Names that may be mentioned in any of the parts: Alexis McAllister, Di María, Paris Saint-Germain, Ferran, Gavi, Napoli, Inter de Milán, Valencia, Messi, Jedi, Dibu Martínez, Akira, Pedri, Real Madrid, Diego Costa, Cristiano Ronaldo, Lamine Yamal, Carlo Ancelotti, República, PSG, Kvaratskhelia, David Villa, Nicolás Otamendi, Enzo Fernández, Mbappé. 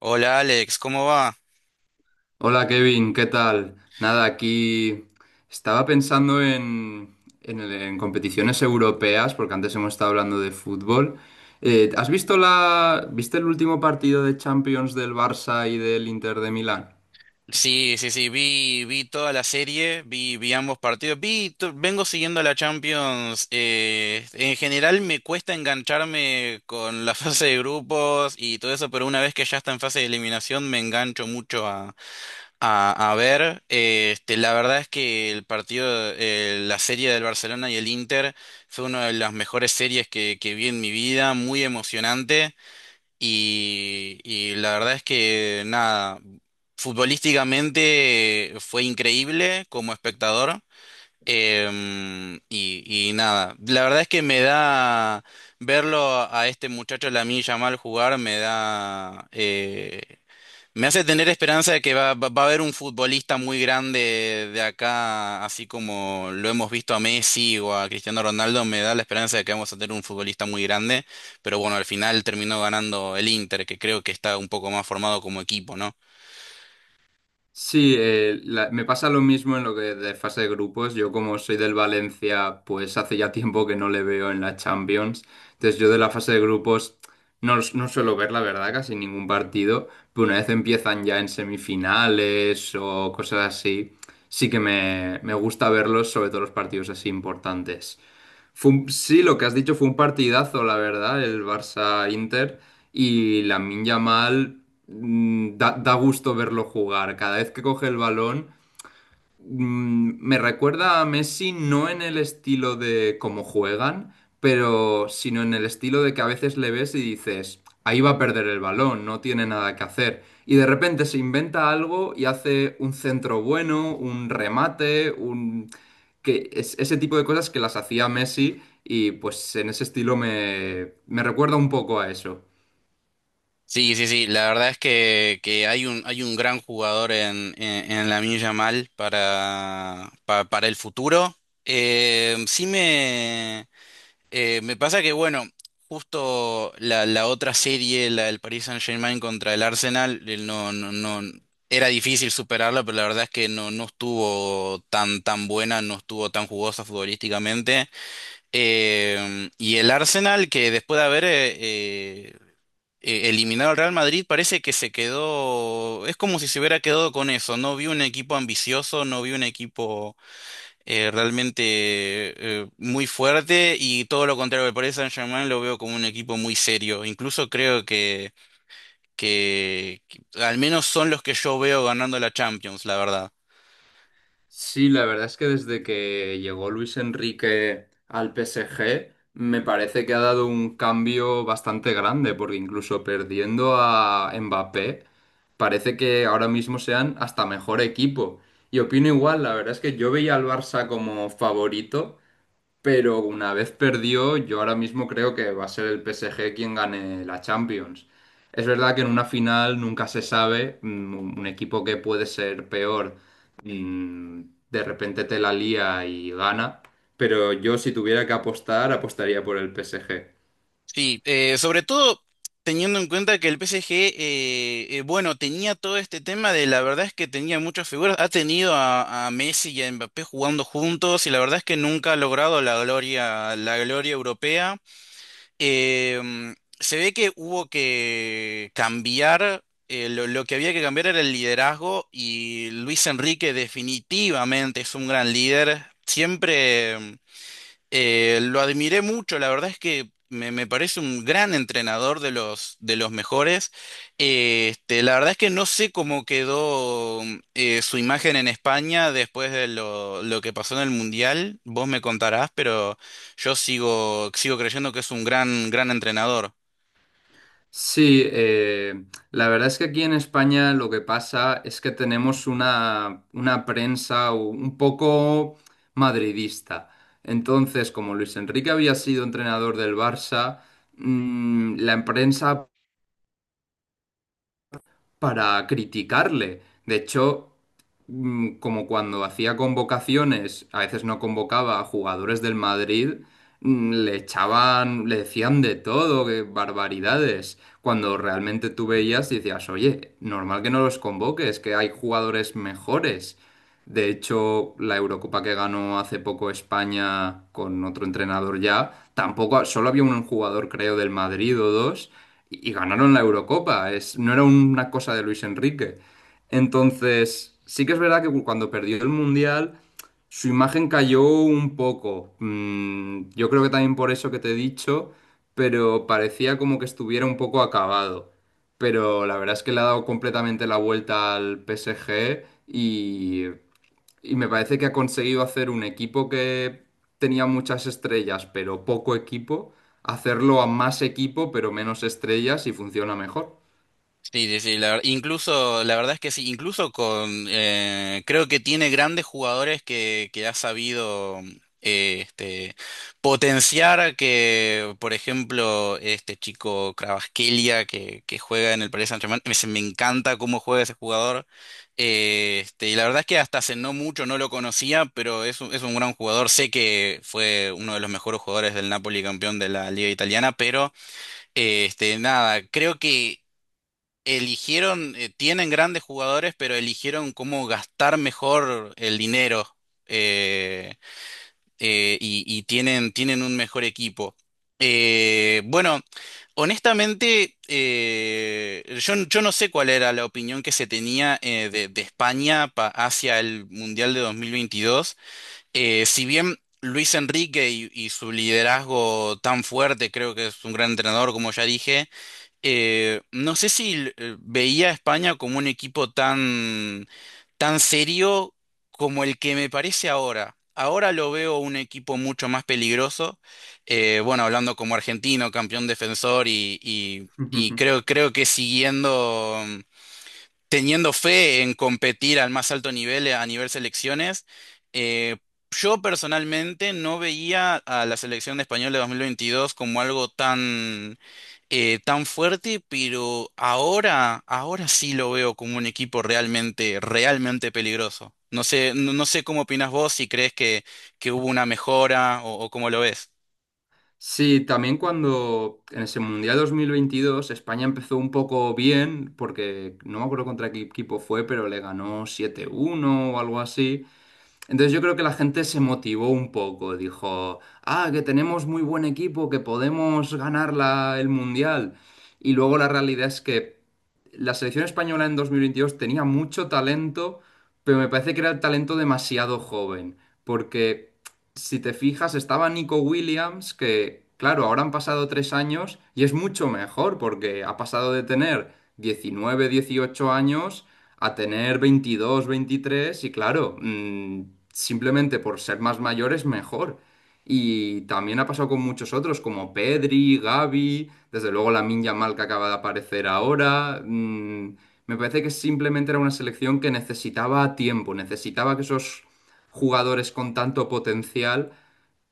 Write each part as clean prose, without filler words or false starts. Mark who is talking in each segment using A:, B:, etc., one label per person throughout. A: Hola Alex, ¿cómo va?
B: Hola Kevin, ¿qué tal? Nada, aquí estaba pensando en competiciones europeas, porque antes hemos estado hablando de fútbol. ¿Has visto viste el último partido de Champions del Barça y del Inter de Milán?
A: Sí, sí, sí, vi, vi toda la serie, vi ambos partidos, vengo siguiendo la Champions. En general me cuesta engancharme con la fase de grupos y todo eso, pero una vez que ya está en fase de eliminación me engancho mucho a ver. La verdad es que la serie del Barcelona y el Inter fue una de las mejores series que vi en mi vida, muy emocionante. Y la verdad es que nada, futbolísticamente fue increíble como espectador. Y nada, la verdad es que me da verlo a este muchacho Lamine Yamal jugar, me hace tener esperanza de que va a haber un futbolista muy grande de acá, así como lo hemos visto a Messi o a Cristiano Ronaldo, me da la esperanza de que vamos a tener un futbolista muy grande, pero bueno, al final terminó ganando el Inter, que creo que está un poco más formado como equipo, ¿no?
B: Sí, me pasa lo mismo en lo que de fase de grupos. Yo como soy del Valencia, pues hace ya tiempo que no le veo en la Champions. Entonces yo de la fase de grupos no, no suelo ver, la verdad, casi ningún partido. Pero una vez empiezan ya en semifinales o cosas así, sí que me gusta verlos, sobre todo los partidos así importantes. Sí, lo que has dicho fue un partidazo, la verdad, el Barça-Inter. Y Lamine Yamal da gusto verlo jugar. Cada vez que coge el balón, me recuerda a Messi no en el estilo de cómo juegan, pero sino en el estilo de que a veces le ves y dices, ahí va a perder el balón, no tiene nada que hacer. Y de repente se inventa algo y hace un centro bueno, un remate, que es ese tipo de cosas que las hacía Messi y pues en ese estilo me recuerda un poco a eso.
A: Sí, sí, sí, la verdad es que hay un gran jugador en Lamine Yamal para el futuro. Eh, sí me... Me pasa que, bueno, justo la otra serie, la del Paris Saint-Germain contra el Arsenal, no, era difícil superarla, pero la verdad es que no, no estuvo tan buena, no estuvo tan jugosa futbolísticamente. Y el Arsenal, que después de haber eh, eliminado al Real Madrid, parece que se quedó, es como si se hubiera quedado con eso, no vi un equipo ambicioso, no vi un equipo realmente muy fuerte y todo lo contrario me parece Saint-Germain, lo veo como un equipo muy serio. Incluso creo que al menos son los que yo veo ganando la Champions, la verdad.
B: Sí, la verdad es que desde que llegó Luis Enrique al PSG, me parece que ha dado un cambio bastante grande, porque incluso perdiendo a Mbappé, parece que ahora mismo sean hasta mejor equipo. Y opino igual, la verdad es que yo veía al Barça como favorito, pero una vez perdió, yo ahora mismo creo que va a ser el PSG quien gane la Champions. Es verdad que en una final nunca se sabe, un equipo que puede ser peor, mm, de repente te la lía y gana, pero yo si tuviera que apostar, apostaría por el PSG.
A: Sí, sobre todo teniendo en cuenta que el PSG, bueno, tenía todo este tema, de la verdad es que tenía muchas figuras, ha tenido a Messi y a Mbappé jugando juntos y la verdad es que nunca ha logrado la gloria europea. Em, se ve que hubo que cambiar, lo que había que cambiar era el liderazgo y Luis Enrique definitivamente es un gran líder. Siempre... lo admiré mucho, la verdad es que me parece un gran entrenador de de los mejores. La verdad es que no sé cómo quedó su imagen en España después de lo que pasó en el Mundial, vos me contarás, pero yo sigo, sigo creyendo que es un gran, gran entrenador.
B: Sí, la verdad es que aquí en España lo que pasa es que tenemos una prensa un poco madridista. Entonces, como Luis Enrique había sido entrenador del Barça, la prensa para criticarle. De hecho, como cuando hacía convocaciones, a veces no convocaba a jugadores del Madrid, le echaban, le decían de todo, que barbaridades. Cuando realmente tú veías y decías, oye, normal que no los convoques, que hay jugadores mejores. De hecho, la Eurocopa que ganó hace poco España con otro entrenador ya, tampoco, solo había un jugador, creo, del Madrid o dos y ganaron la Eurocopa. No era una cosa de Luis Enrique. Entonces, sí que es verdad que cuando perdió el Mundial, su imagen cayó un poco. Yo creo que también por eso que te he dicho, pero parecía como que estuviera un poco acabado. Pero la verdad es que le ha dado completamente la vuelta al PSG y me parece que ha conseguido hacer un equipo que tenía muchas estrellas, pero poco equipo, hacerlo a más equipo, pero menos estrellas y funciona mejor.
A: Sí, sí, sí, incluso, la verdad es que sí, incluso con, creo que tiene grandes jugadores que ha sabido eh, este, potenciar que, por ejemplo, este chico Kvaratskhelia que juega en el Paris Saint-Germain, me encanta cómo juega ese jugador, y la verdad es que hasta hace no mucho no lo conocía, pero es un gran jugador, sé que fue uno de los mejores jugadores del Napoli campeón de la Liga Italiana, pero... Este, nada, creo que eligieron, tienen grandes jugadores, pero eligieron cómo gastar mejor el dinero eh, y tienen un mejor equipo. Bueno, honestamente, yo no sé cuál era la opinión que se tenía de España hacia el Mundial de 2022. Si bien Luis Enrique y su liderazgo tan fuerte, creo que es un gran entrenador, como ya dije, no sé si veía a España como un equipo tan serio como el que me parece ahora. Ahora lo veo un equipo mucho más peligroso. Bueno, hablando como argentino, campeón defensor y, y- y creo, creo que siguiendo. Mm, teniendo fe en competir al más alto nivel a nivel selecciones. Eh, yo personalmente no veía a la selección de español de 2022 como algo tan fuerte, pero ahora sí lo veo como un equipo realmente peligroso. No sé, no sé cómo opinas vos, si crees que hubo una mejora o cómo lo ves.
B: Sí, también cuando en ese Mundial 2022 España empezó un poco bien, porque no me acuerdo contra qué equipo fue, pero le ganó 7-1 o algo así. Entonces yo creo que la gente se motivó un poco, dijo, ah, que tenemos muy buen equipo, que podemos ganar el Mundial. Y luego la realidad es que la selección española en 2022 tenía mucho talento, pero me parece que era el talento demasiado joven, porque si te fijas, estaba Nico Williams, que claro, ahora han pasado 3 años y es mucho mejor, porque ha pasado de tener 19, 18 años a tener 22 23 y claro, simplemente por ser más mayores mejor. Y también ha pasado con muchos otros como Pedri, Gavi, desde luego la Yamal que acaba de aparecer ahora. Me parece que simplemente era una selección que necesitaba tiempo, necesitaba que esos jugadores con tanto potencial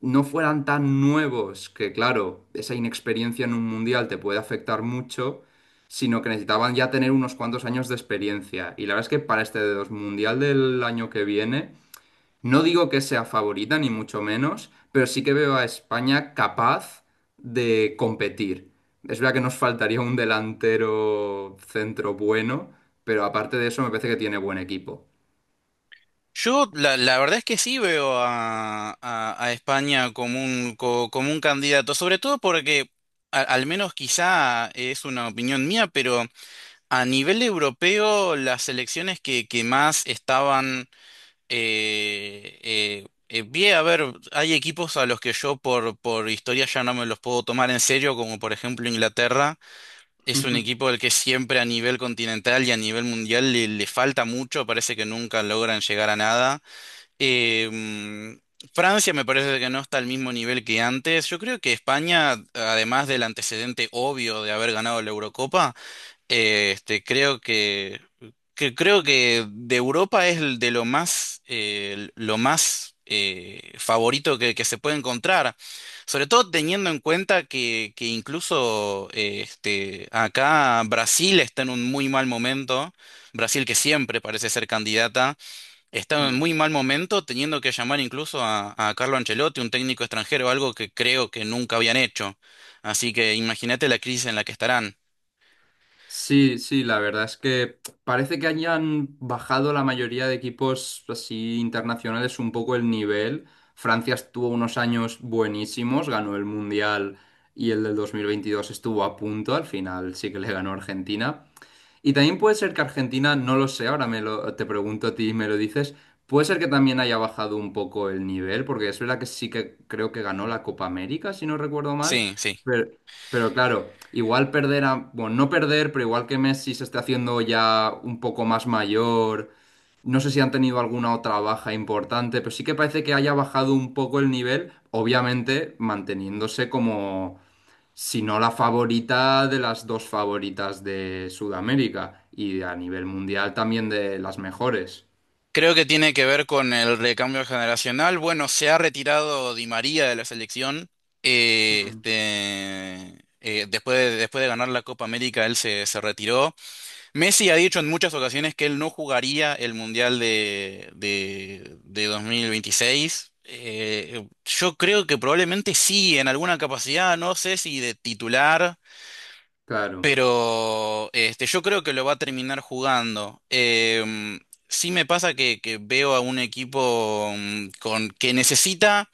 B: no fueran tan nuevos, que claro, esa inexperiencia en un mundial te puede afectar mucho, sino que necesitaban ya tener unos cuantos años de experiencia. Y la verdad es que para este de dos mundial del año que viene, no digo que sea favorita, ni mucho menos, pero sí que veo a España capaz de competir. Es verdad que nos faltaría un delantero centro bueno, pero aparte de eso me parece que tiene buen equipo.
A: Yo la verdad es que sí veo a España como como un candidato, sobre todo porque al menos quizá es una opinión mía, pero a nivel europeo las elecciones que más estaban... Bien, a ver, hay equipos a los que yo por historia ya no me los puedo tomar en serio, como por ejemplo Inglaterra. Es un equipo al que siempre a nivel continental y a nivel mundial le falta mucho, parece que nunca logran llegar a nada. Em, Francia me parece que no está al mismo nivel que antes. Yo creo que España, además del antecedente obvio de haber ganado la Eurocopa, creo que creo que de Europa es el de lo más favorito que se puede encontrar. Sobre todo teniendo en cuenta que incluso acá Brasil está en un muy mal momento. Brasil que siempre parece ser candidata. Está en muy mal momento, teniendo que llamar incluso a Carlo Ancelotti, un técnico extranjero, algo que creo que nunca habían hecho. Así que imagínate la crisis en la que estarán.
B: Sí, sí, la verdad es que parece que hayan bajado la mayoría de equipos así internacionales un poco el nivel. Francia estuvo unos años buenísimos, ganó el Mundial y el del 2022 estuvo a punto, al final sí que le ganó Argentina, y también puede ser que Argentina, no lo sé, ahora te pregunto a ti y me lo dices, puede ser que también haya bajado un poco el nivel, porque es verdad que sí que creo que ganó la Copa América, si no recuerdo mal,
A: Sí, sí.
B: pero, pero claro, igual perder a, bueno, no perder, pero igual que Messi se está haciendo ya un poco más mayor, no sé si han tenido alguna otra baja importante, pero sí que parece que haya bajado un poco el nivel, obviamente manteniéndose como si no la favorita de las dos favoritas de Sudamérica y a nivel mundial también de las mejores.
A: Creo que tiene que ver con el recambio generacional. Bueno, se ha retirado Di María de la selección.
B: Mm.
A: Después de ganar la Copa América, él se retiró. Messi ha dicho en muchas ocasiones que él no jugaría el Mundial de 2026. Yo creo que probablemente sí, en alguna capacidad, no sé si de titular,
B: Claro,
A: pero este, yo creo que lo va a terminar jugando. Em, sí me pasa que veo a un equipo mm, con, que necesita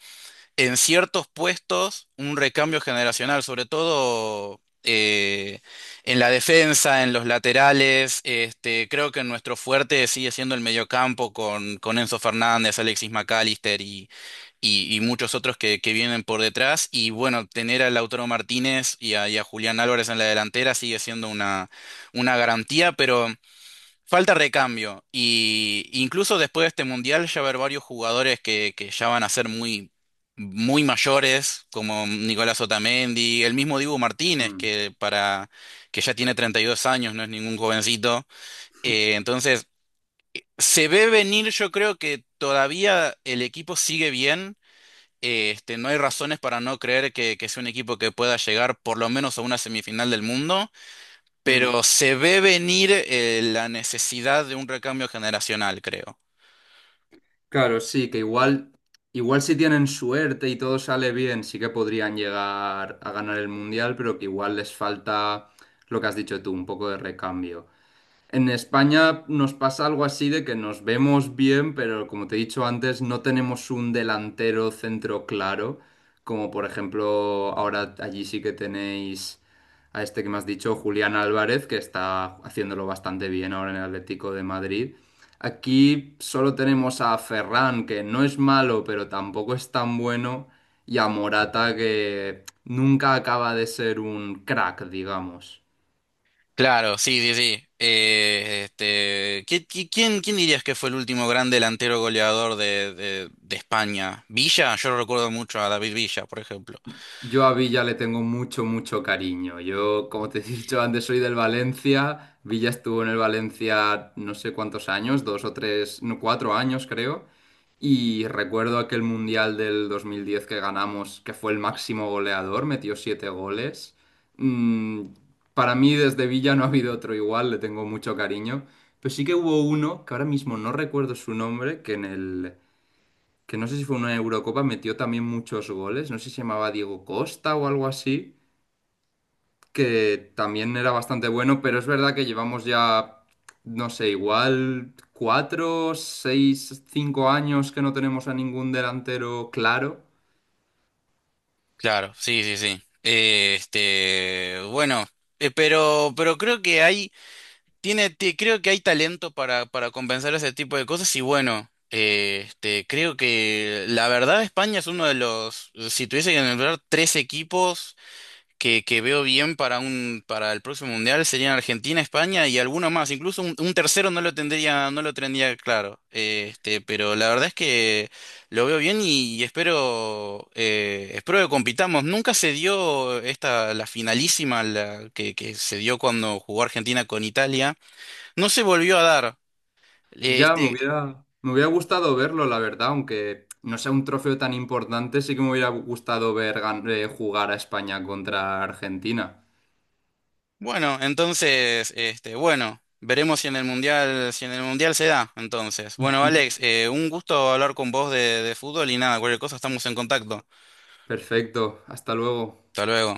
A: en ciertos puestos un recambio generacional, sobre todo en la defensa, en los laterales. Este, creo que nuestro fuerte sigue siendo el mediocampo con Enzo Fernández, Alexis McAllister y muchos otros que vienen por detrás. Y bueno, tener a Lautaro Martínez y a Julián Álvarez en la delantera sigue siendo una garantía, pero... Falta recambio. Y incluso después de este mundial ya va a haber varios jugadores que ya van a ser muy mayores, como Nicolás Otamendi, el mismo Dibu Martínez,
B: mm,
A: que ya tiene 32 años, no es ningún jovencito. Entonces, se ve venir, yo creo que todavía el equipo sigue bien. No hay razones para no creer que sea un equipo que pueda llegar por lo menos a una semifinal del mundo,
B: mm.
A: pero se ve venir la necesidad de un recambio generacional, creo.
B: Claro, sí, que igual si tienen suerte y todo sale bien, sí que podrían llegar a ganar el mundial, pero que igual les falta lo que has dicho tú, un poco de recambio. En España nos pasa algo así de que nos vemos bien, pero como te he dicho antes, no tenemos un delantero centro claro, como por ejemplo ahora allí sí que tenéis a este que me has dicho, Julián Álvarez, que está haciéndolo bastante bien ahora en el Atlético de Madrid. Aquí solo tenemos a Ferran, que no es malo, pero tampoco es tan bueno, y a Morata, que nunca acaba de ser un crack, digamos.
A: Claro, sí, sí, sí. Quién, quién dirías que fue el último gran delantero goleador de, de España? Villa, yo recuerdo mucho a David Villa, por ejemplo.
B: Yo a Villa le tengo mucho, mucho cariño. Yo, como te he dicho antes, soy del Valencia. Villa estuvo en el Valencia no sé cuántos años, dos o tres, no, 4 años creo. Y recuerdo aquel Mundial del 2010 que ganamos, que fue el máximo goleador, metió siete goles. Mm, para mí desde Villa no ha habido otro igual, le tengo mucho cariño. Pero sí que hubo uno, que ahora mismo no recuerdo su nombre, que en el que no sé si fue una Eurocopa, metió también muchos goles, no sé si se llamaba Diego Costa o algo así, que también era bastante bueno, pero es verdad que llevamos ya, no sé, igual cuatro, seis, cinco años que no tenemos a ningún delantero claro.
A: Claro, sí, sí, sí. Pero creo que hay creo que hay talento para compensar ese tipo de cosas y bueno, creo que la verdad España es uno de los, si tuviese que nombrar tres equipos que veo bien para para el próximo mundial, serían Argentina, España y alguno más, incluso un tercero no lo tendría, no lo tendría claro. Pero la verdad es que lo veo bien y espero, espero que compitamos. Nunca se dio esta, la finalísima que se dio cuando jugó Argentina con Italia. No se volvió a dar. Eh,
B: Ya me
A: Este,
B: hubiera, me hubiera gustado verlo, la verdad, aunque no sea un trofeo tan importante, sí que me hubiera gustado ver jugar a España contra Argentina.
A: bueno, entonces, este, bueno, veremos si en el mundial, si en el mundial se da, entonces. Bueno, Alex, un gusto hablar con vos de fútbol y nada, cualquier cosa estamos en contacto.
B: Perfecto, hasta luego.
A: Hasta luego.